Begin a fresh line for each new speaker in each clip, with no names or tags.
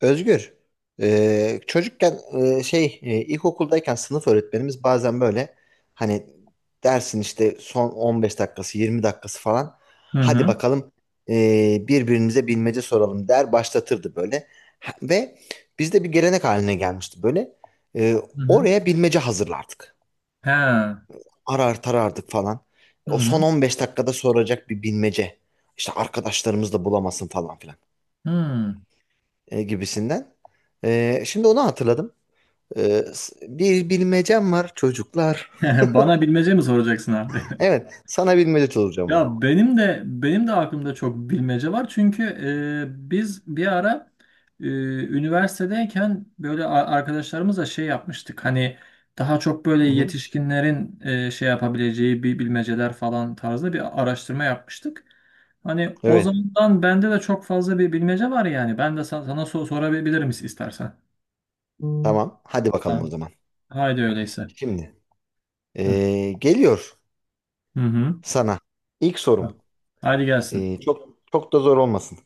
Özgür, çocukken ilkokuldayken sınıf öğretmenimiz bazen böyle hani dersin işte son 15 dakikası 20 dakikası falan
Hı
hadi
hı.
bakalım e, birbirimize bilmece soralım der başlatırdı böyle. Ve bizde bir gelenek haline gelmişti böyle. E,
Hı hı.
Oraya bilmece hazırlardık,
He. Hı
arar tarardık falan, o son
hı.
15 dakikada soracak bir bilmece işte arkadaşlarımız da bulamasın falan filan
Hı.
gibisinden. Şimdi onu hatırladım. Ee, s- Bir bilmecem var çocuklar.
Bana bilmece mi soracaksın abi?
Evet, sana bilmece soracağım abi.
Ya benim de aklımda çok bilmece var. Çünkü biz bir ara e, üniversitedeyken böyle arkadaşlarımızla şey yapmıştık. Hani daha çok böyle
Hı-hı.
yetişkinlerin şey yapabileceği bir bilmeceler falan tarzda bir araştırma yapmıştık. Hani o
Evet,
zamandan bende de çok fazla bir bilmece var yani. Ben de sana sorabilirim istersen. Hmm.
tamam. Hadi bakalım o
Tamam.
zaman.
Haydi öyleyse.
Şimdi
Hı
geliyor
hı. Hı.
sana. İlk sorum.
Hadi gelsin.
Çok çok da zor olmasın.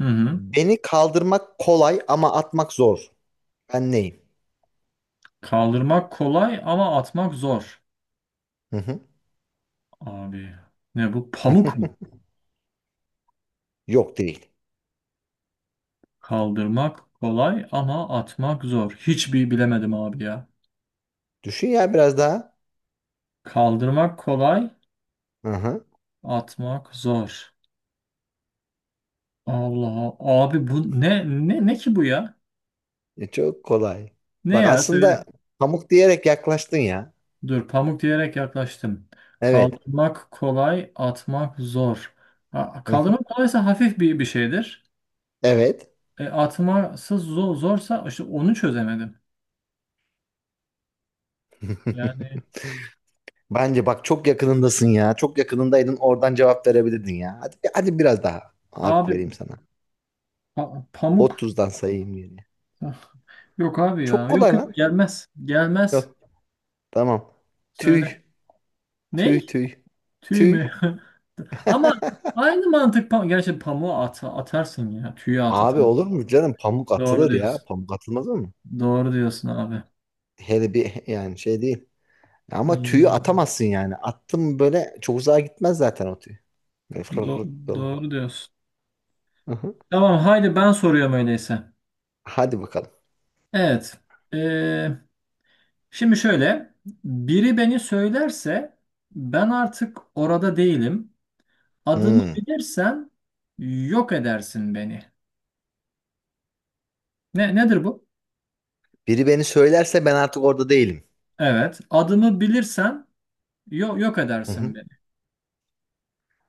Hı hı.
Beni kaldırmak kolay ama atmak zor. Ben neyim?
Kaldırmak kolay ama atmak zor.
Hı-hı.
Abi ne bu? Pamuk mu?
Yok değil.
Kaldırmak kolay ama atmak zor. Hiçbir bilemedim abi ya.
Düşün ya biraz daha.
Kaldırmak kolay,
Hı-hı.
atmak zor. Allah abi bu ne ki bu ya?
E, çok kolay.
Ne
Bak,
ya
aslında
söyle.
pamuk diyerek yaklaştın ya.
Dur pamuk diyerek yaklaştım.
Evet.
Kaldırmak kolay, atmak zor. Ha,
Hı-hı.
kaldırmak kolaysa hafif bir şeydir.
Evet.
E, atması zor, zorsa işte onu çözemedim. Yani
Bence bak çok yakınındasın ya. Çok yakınındaydın, oradan cevap verebilirdin ya. Hadi, hadi biraz daha hak
abi
vereyim sana.
pamuk.
30'dan sayayım geriye.
Yok abi ya.
Çok
Yok
kolay
yok
lan.
gelmez. Gelmez.
Yok. Tamam. Tüy.
Söyle.
Tüy
Ney?
tüy.
Tüy mü?
Tüy.
Ama aynı mantık pamuk. Gerçi pamuğu at, atarsın ya. Tüyü at
Abi,
atarsın.
olur mu canım? Pamuk
Doğru
atılır ya.
diyorsun.
Pamuk atılmaz mı?
Doğru diyorsun abi.
Hele bir yani şey değil. Ama tüyü
Hmm,
atamazsın yani. Attım böyle, çok uzağa gitmez zaten o tüy. Böyle fırr fırr dolanır.
doğru diyorsun.
Hı hı.
Tamam haydi ben soruyorum öyleyse.
Hadi bakalım.
Evet. Şimdi şöyle, biri beni söylerse ben artık orada değilim. Adımı
Hmm.
bilirsen yok edersin beni. Ne nedir bu?
Biri beni söylerse ben artık orada değilim.
Evet, adımı bilirsen yok
Hı hı.
edersin beni.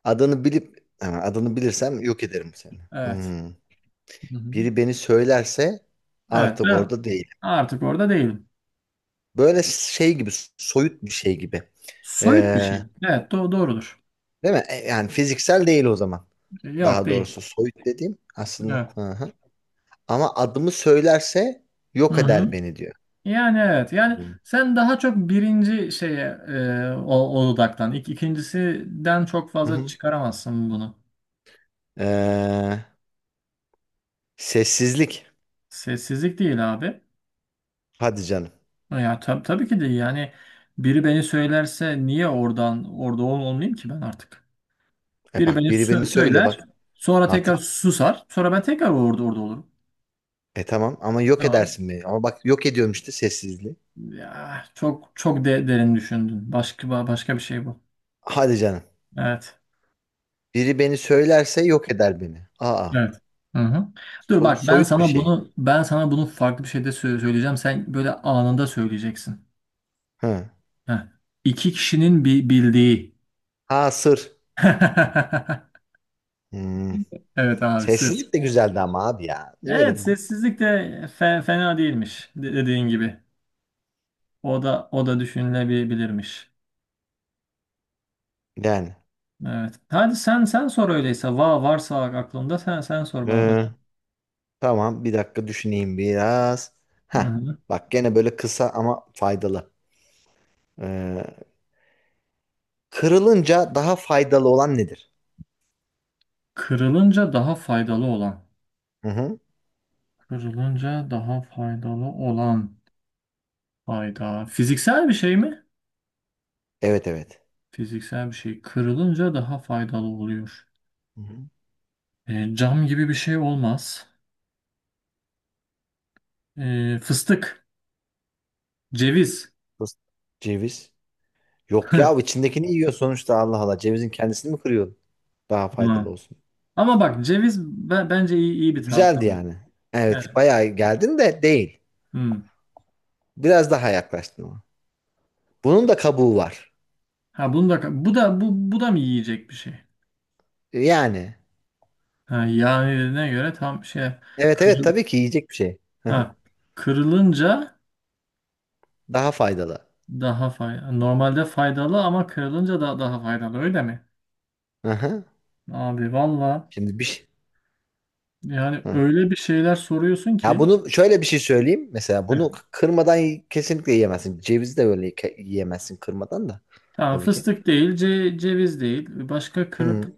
Adını bilip ha, adını bilirsem yok ederim seni.
Evet.
Hmm.
Hı hı.
Biri beni söylerse
Evet,
artık
ben
orada değilim.
artık orada değilim.
Böyle şey gibi, soyut bir şey gibi.
Soyut bir
Ee,
şey. Evet, do doğrudur.
değil mi? E, yani fiziksel değil o zaman.
Yok
Daha
değil.
doğrusu soyut dediğim aslında.
Evet.
Hı hı. Ama adımı söylerse
Hı
yok eder
hı.
beni diyor.
Yani evet. Yani
Hmm.
sen daha çok birinci şeye o, o dudaktan. İkincisinden çok
Hı
fazla
hı.
çıkaramazsın bunu.
Ee, sessizlik.
Sessizlik değil abi.
Hadi canım.
Ya tabii ki değil. Yani biri beni söylerse niye oradan orada olmayayım ki ben artık?
E
Biri beni
bak, biri beni söyle
söyler,
bak
sonra tekrar
artık.
susar, sonra ben tekrar orada olurum.
E tamam, ama yok
Tamam.
edersin beni. Ama bak, yok ediyorum işte sessizliği.
Ya çok de derin düşündün. Başka başka bir şey bu.
Hadi canım.
Evet.
Biri beni söylerse yok eder beni. Aa,
Evet. Hı hı. Dur bak
soyut bir şey.
ben sana bunu farklı bir şeyde söyleyeceğim. Sen böyle anında söyleyeceksin.
Ha,
Heh. İki kişinin bildiği.
ha sır. Hmm.
Evet abi sır.
Sessizlik de güzeldi ama abi ya. Niye öyle
Evet
dedin?
sessizlik de fena değilmiş dediğin gibi. O da düşünülebilirmiş.
Yani.
Evet. Hadi sen sor öyleyse. Varsa aklında sen sor bana
ee,
bakayım.
tamam, bir dakika düşüneyim biraz. Ha,
Hı-hı.
bak gene böyle kısa ama faydalı. Ee, kırılınca daha faydalı olan nedir?
Kırılınca daha faydalı olan.
Hı hı.
Kırılınca daha faydalı olan fayda. Fiziksel bir şey mi?
Evet evet.
Fiziksel bir şey. Kırılınca daha faydalı oluyor.
Hı hı.
E, cam gibi bir şey olmaz. E, fıstık, ceviz.
Fıs- Ceviz. Yok ya, içindekini yiyor sonuçta, Allah Allah. Cevizin kendisini mi kırıyor? Daha
Hı.
faydalı olsun.
Ama bak ceviz bence iyi bir tahta.
Güzeldi yani. Evet, bayağı geldin de değil.
Hmm.
Biraz daha yaklaştın ama. Bunun da kabuğu var.
Ha bunu da bu da mı yiyecek bir şey?
Yani.
Ha yağına göre tam şey
Evet evet,
kırıl,
tabii ki yiyecek bir şey. Hı hı.
ha, kırılınca
Daha faydalı.
daha faydalı. Normalde faydalı ama kırılınca da daha faydalı öyle mi?
Hı hı.
Abi valla
Şimdi bir şey.
yani
Hı.
öyle bir şeyler soruyorsun
Ya
ki.
bunu şöyle bir şey söyleyeyim. Mesela
Evet,
bunu kırmadan kesinlikle yiyemezsin. Cevizi de böyle yiyemezsin kırmadan da.
tamam
Tabii ki.
fıstık değil, ceviz değil. Başka kırıp
Hı.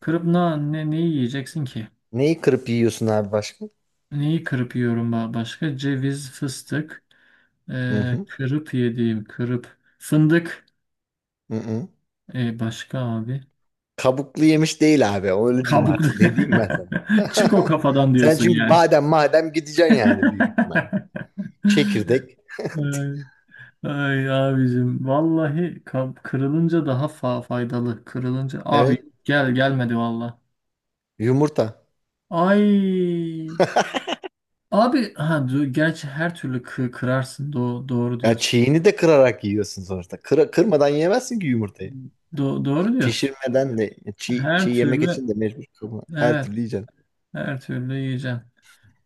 kırıp ne ne neyi yiyeceksin ki?
Neyi kırıp yiyorsun abi başka?
Neyi kırıp yiyorum başka? Ceviz, fıstık,
Hı hı.
kırıp yediğim, kırıp fındık.
Hı hı.
E başka abi?
Kabuklu yemiş değil abi. Öyle diyeyim
Kabuklu.
artık. Ne diyeyim ben sana?
Çık o kafadan
Sen
diyorsun
çünkü
yani.
badem madem gideceksin yani büyük ihtimalle. Çekirdek.
Ay, ay abicim vallahi kırılınca daha faydalı. Kırılınca abi
Evet.
gelmedi valla.
Yumurta.
Ay abi ha gerçi her türlü kırarsın. Do doğru
Ya
diyorsun.
çiğini de kırarak yiyorsun sonuçta. Kırmadan yemezsin ki yumurtayı.
Do doğru diyorsun.
Pişirmeden de çiğ, çiğ
Her
yemek
türlü
için de mecbur kırma. Her
evet
türlü yiyeceksin.
her türlü yiyeceğim.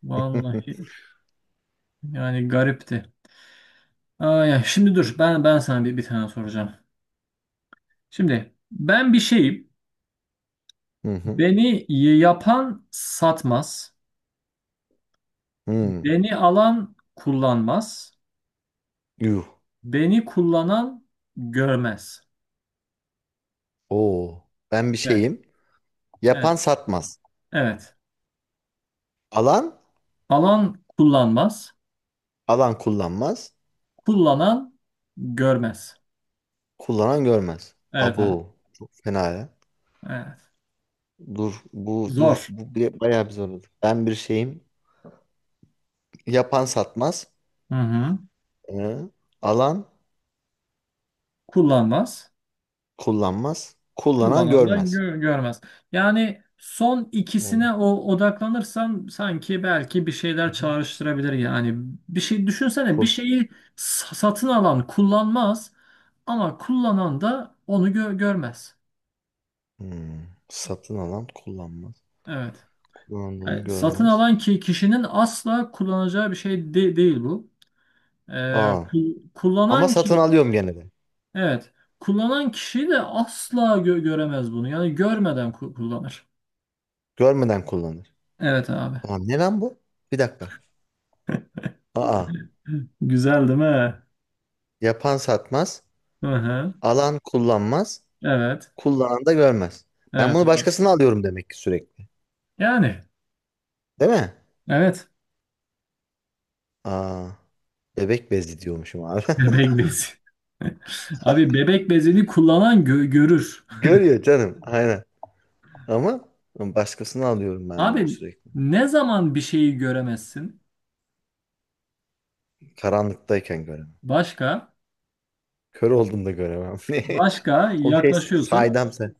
Vallahi yani garipti. Aa, ya şimdi dur ben sana bir tane soracağım. Şimdi ben bir şeyim.
Hı hı.
Beni yapan satmaz.
Hı.
Beni alan kullanmaz.
Yuh.
Beni kullanan görmez.
Oo. Ben bir
Evet.
şeyim.
Evet.
Yapan satmaz.
Evet.
Alan,
Alan kullanmaz.
alan kullanmaz.
Kullanan görmez.
Kullanan görmez.
Evet abi.
Abo. Çok fena ya.
Evet.
Dur bu dur
Zor.
bu bir- bayağı bir zorladı. Ben bir şeyim. Yapan satmaz.
Hı hı.
Ee, alan
Kullanmaz.
kullanmaz. Kullanan
Kullanan da
görmez.
görmez. Yani son
Hı
ikisine o odaklanırsam sanki belki bir şeyler
hı.
çağrıştırabilir yani. Bir şey düşünsene bir
Kul.
şeyi satın alan kullanmaz ama kullanan da onu görmez.
Hmm. Satın alan kullanmaz.
Evet.
Kullandığını
Yani satın
görmez.
alan ki kişinin asla kullanacağı bir şey değil bu. Ee,
Aa. Ama
kullanan
satın
ki
alıyorum gene de.
evet kullanan kişi de asla göremez bunu. Yani görmeden kullanır.
Görmeden kullanır.
Evet abi.
Aa, ne lan bu? Bir dakika. Aa.
Güzel değil mi?
Yapan satmaz.
Hı hı.
Alan kullanmaz.
Evet.
Kullanan da görmez. Ben
Evet.
bunu
Evet.
başkasına alıyorum demek ki sürekli.
Yani
Değil mi?
evet.
Aa. Bebek bezi diyormuşum abi.
Bebek bezi. Abi bebek bezini kullanan görür.
Görüyor canım. Aynen. Ama başkasını alıyorum ben
Abi
sürekli.
ne zaman bir şeyi göremezsin?
Karanlıktayken göremem.
Başka?
Kör olduğumda göremem.
Başka
O şey
yaklaşıyorsun.
saydamsa,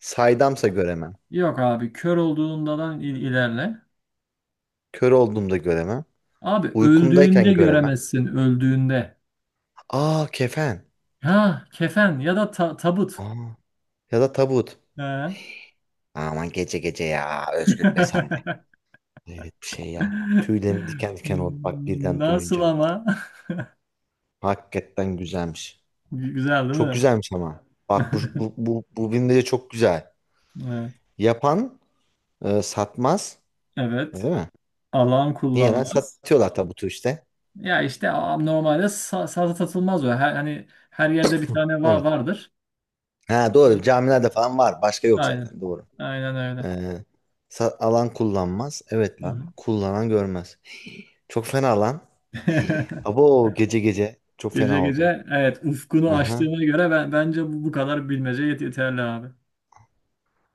saydamsa göremem.
Yok abi kör olduğundan ilerle.
Kör olduğumda göremem.
Abi öldüğünde
Uykumdayken göremem.
göremezsin öldüğünde.
Aa, kefen.
Ha kefen ya da tabut.
Aa, ya da tabut.
Ha.
Aman gece gece ya Özgür, be sen de. Evet bir şey ya. Tüylerim diken diken oldu bak birden
Nasıl
duyunca.
ama?
Hakikaten güzelmiş.
Güzel değil
Çok
mi?
güzelmiş ama. Bak bu bu bu, bu bilmece çok güzel.
Evet.
Yapan satmaz. Öyle
Evet.
mi?
Alan
Niye lan?
kullanmaz.
Satıyorlar tabutu işte.
Ya işte normalde sazı satılmaz o. Her, hani her yerde bir tane
Evet.
vardır.
Ha doğru. Camilerde falan var. Başka yok
Aynen.
zaten. Doğru.
Aynen
Ee,
öyle.
alan kullanmaz. Evet
Hı
lan.
hı.
Kullanan görmez. Çok fena lan. Abo gece gece. Çok
Gece
fena oldum.
gece evet ufkunu
Aha.
açtığına göre ben bence bu kadar bilmece yeterli abi.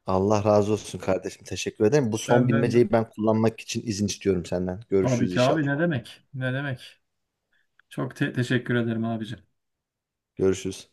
Allah razı olsun kardeşim. Teşekkür ederim. Bu son
Benden de.
bilmeceyi ben kullanmak için izin istiyorum senden.
Tabii
Görüşürüz
ki abi
inşallah.
ne demek? Ne demek? Çok teşekkür ederim abicim.
Görüşürüz.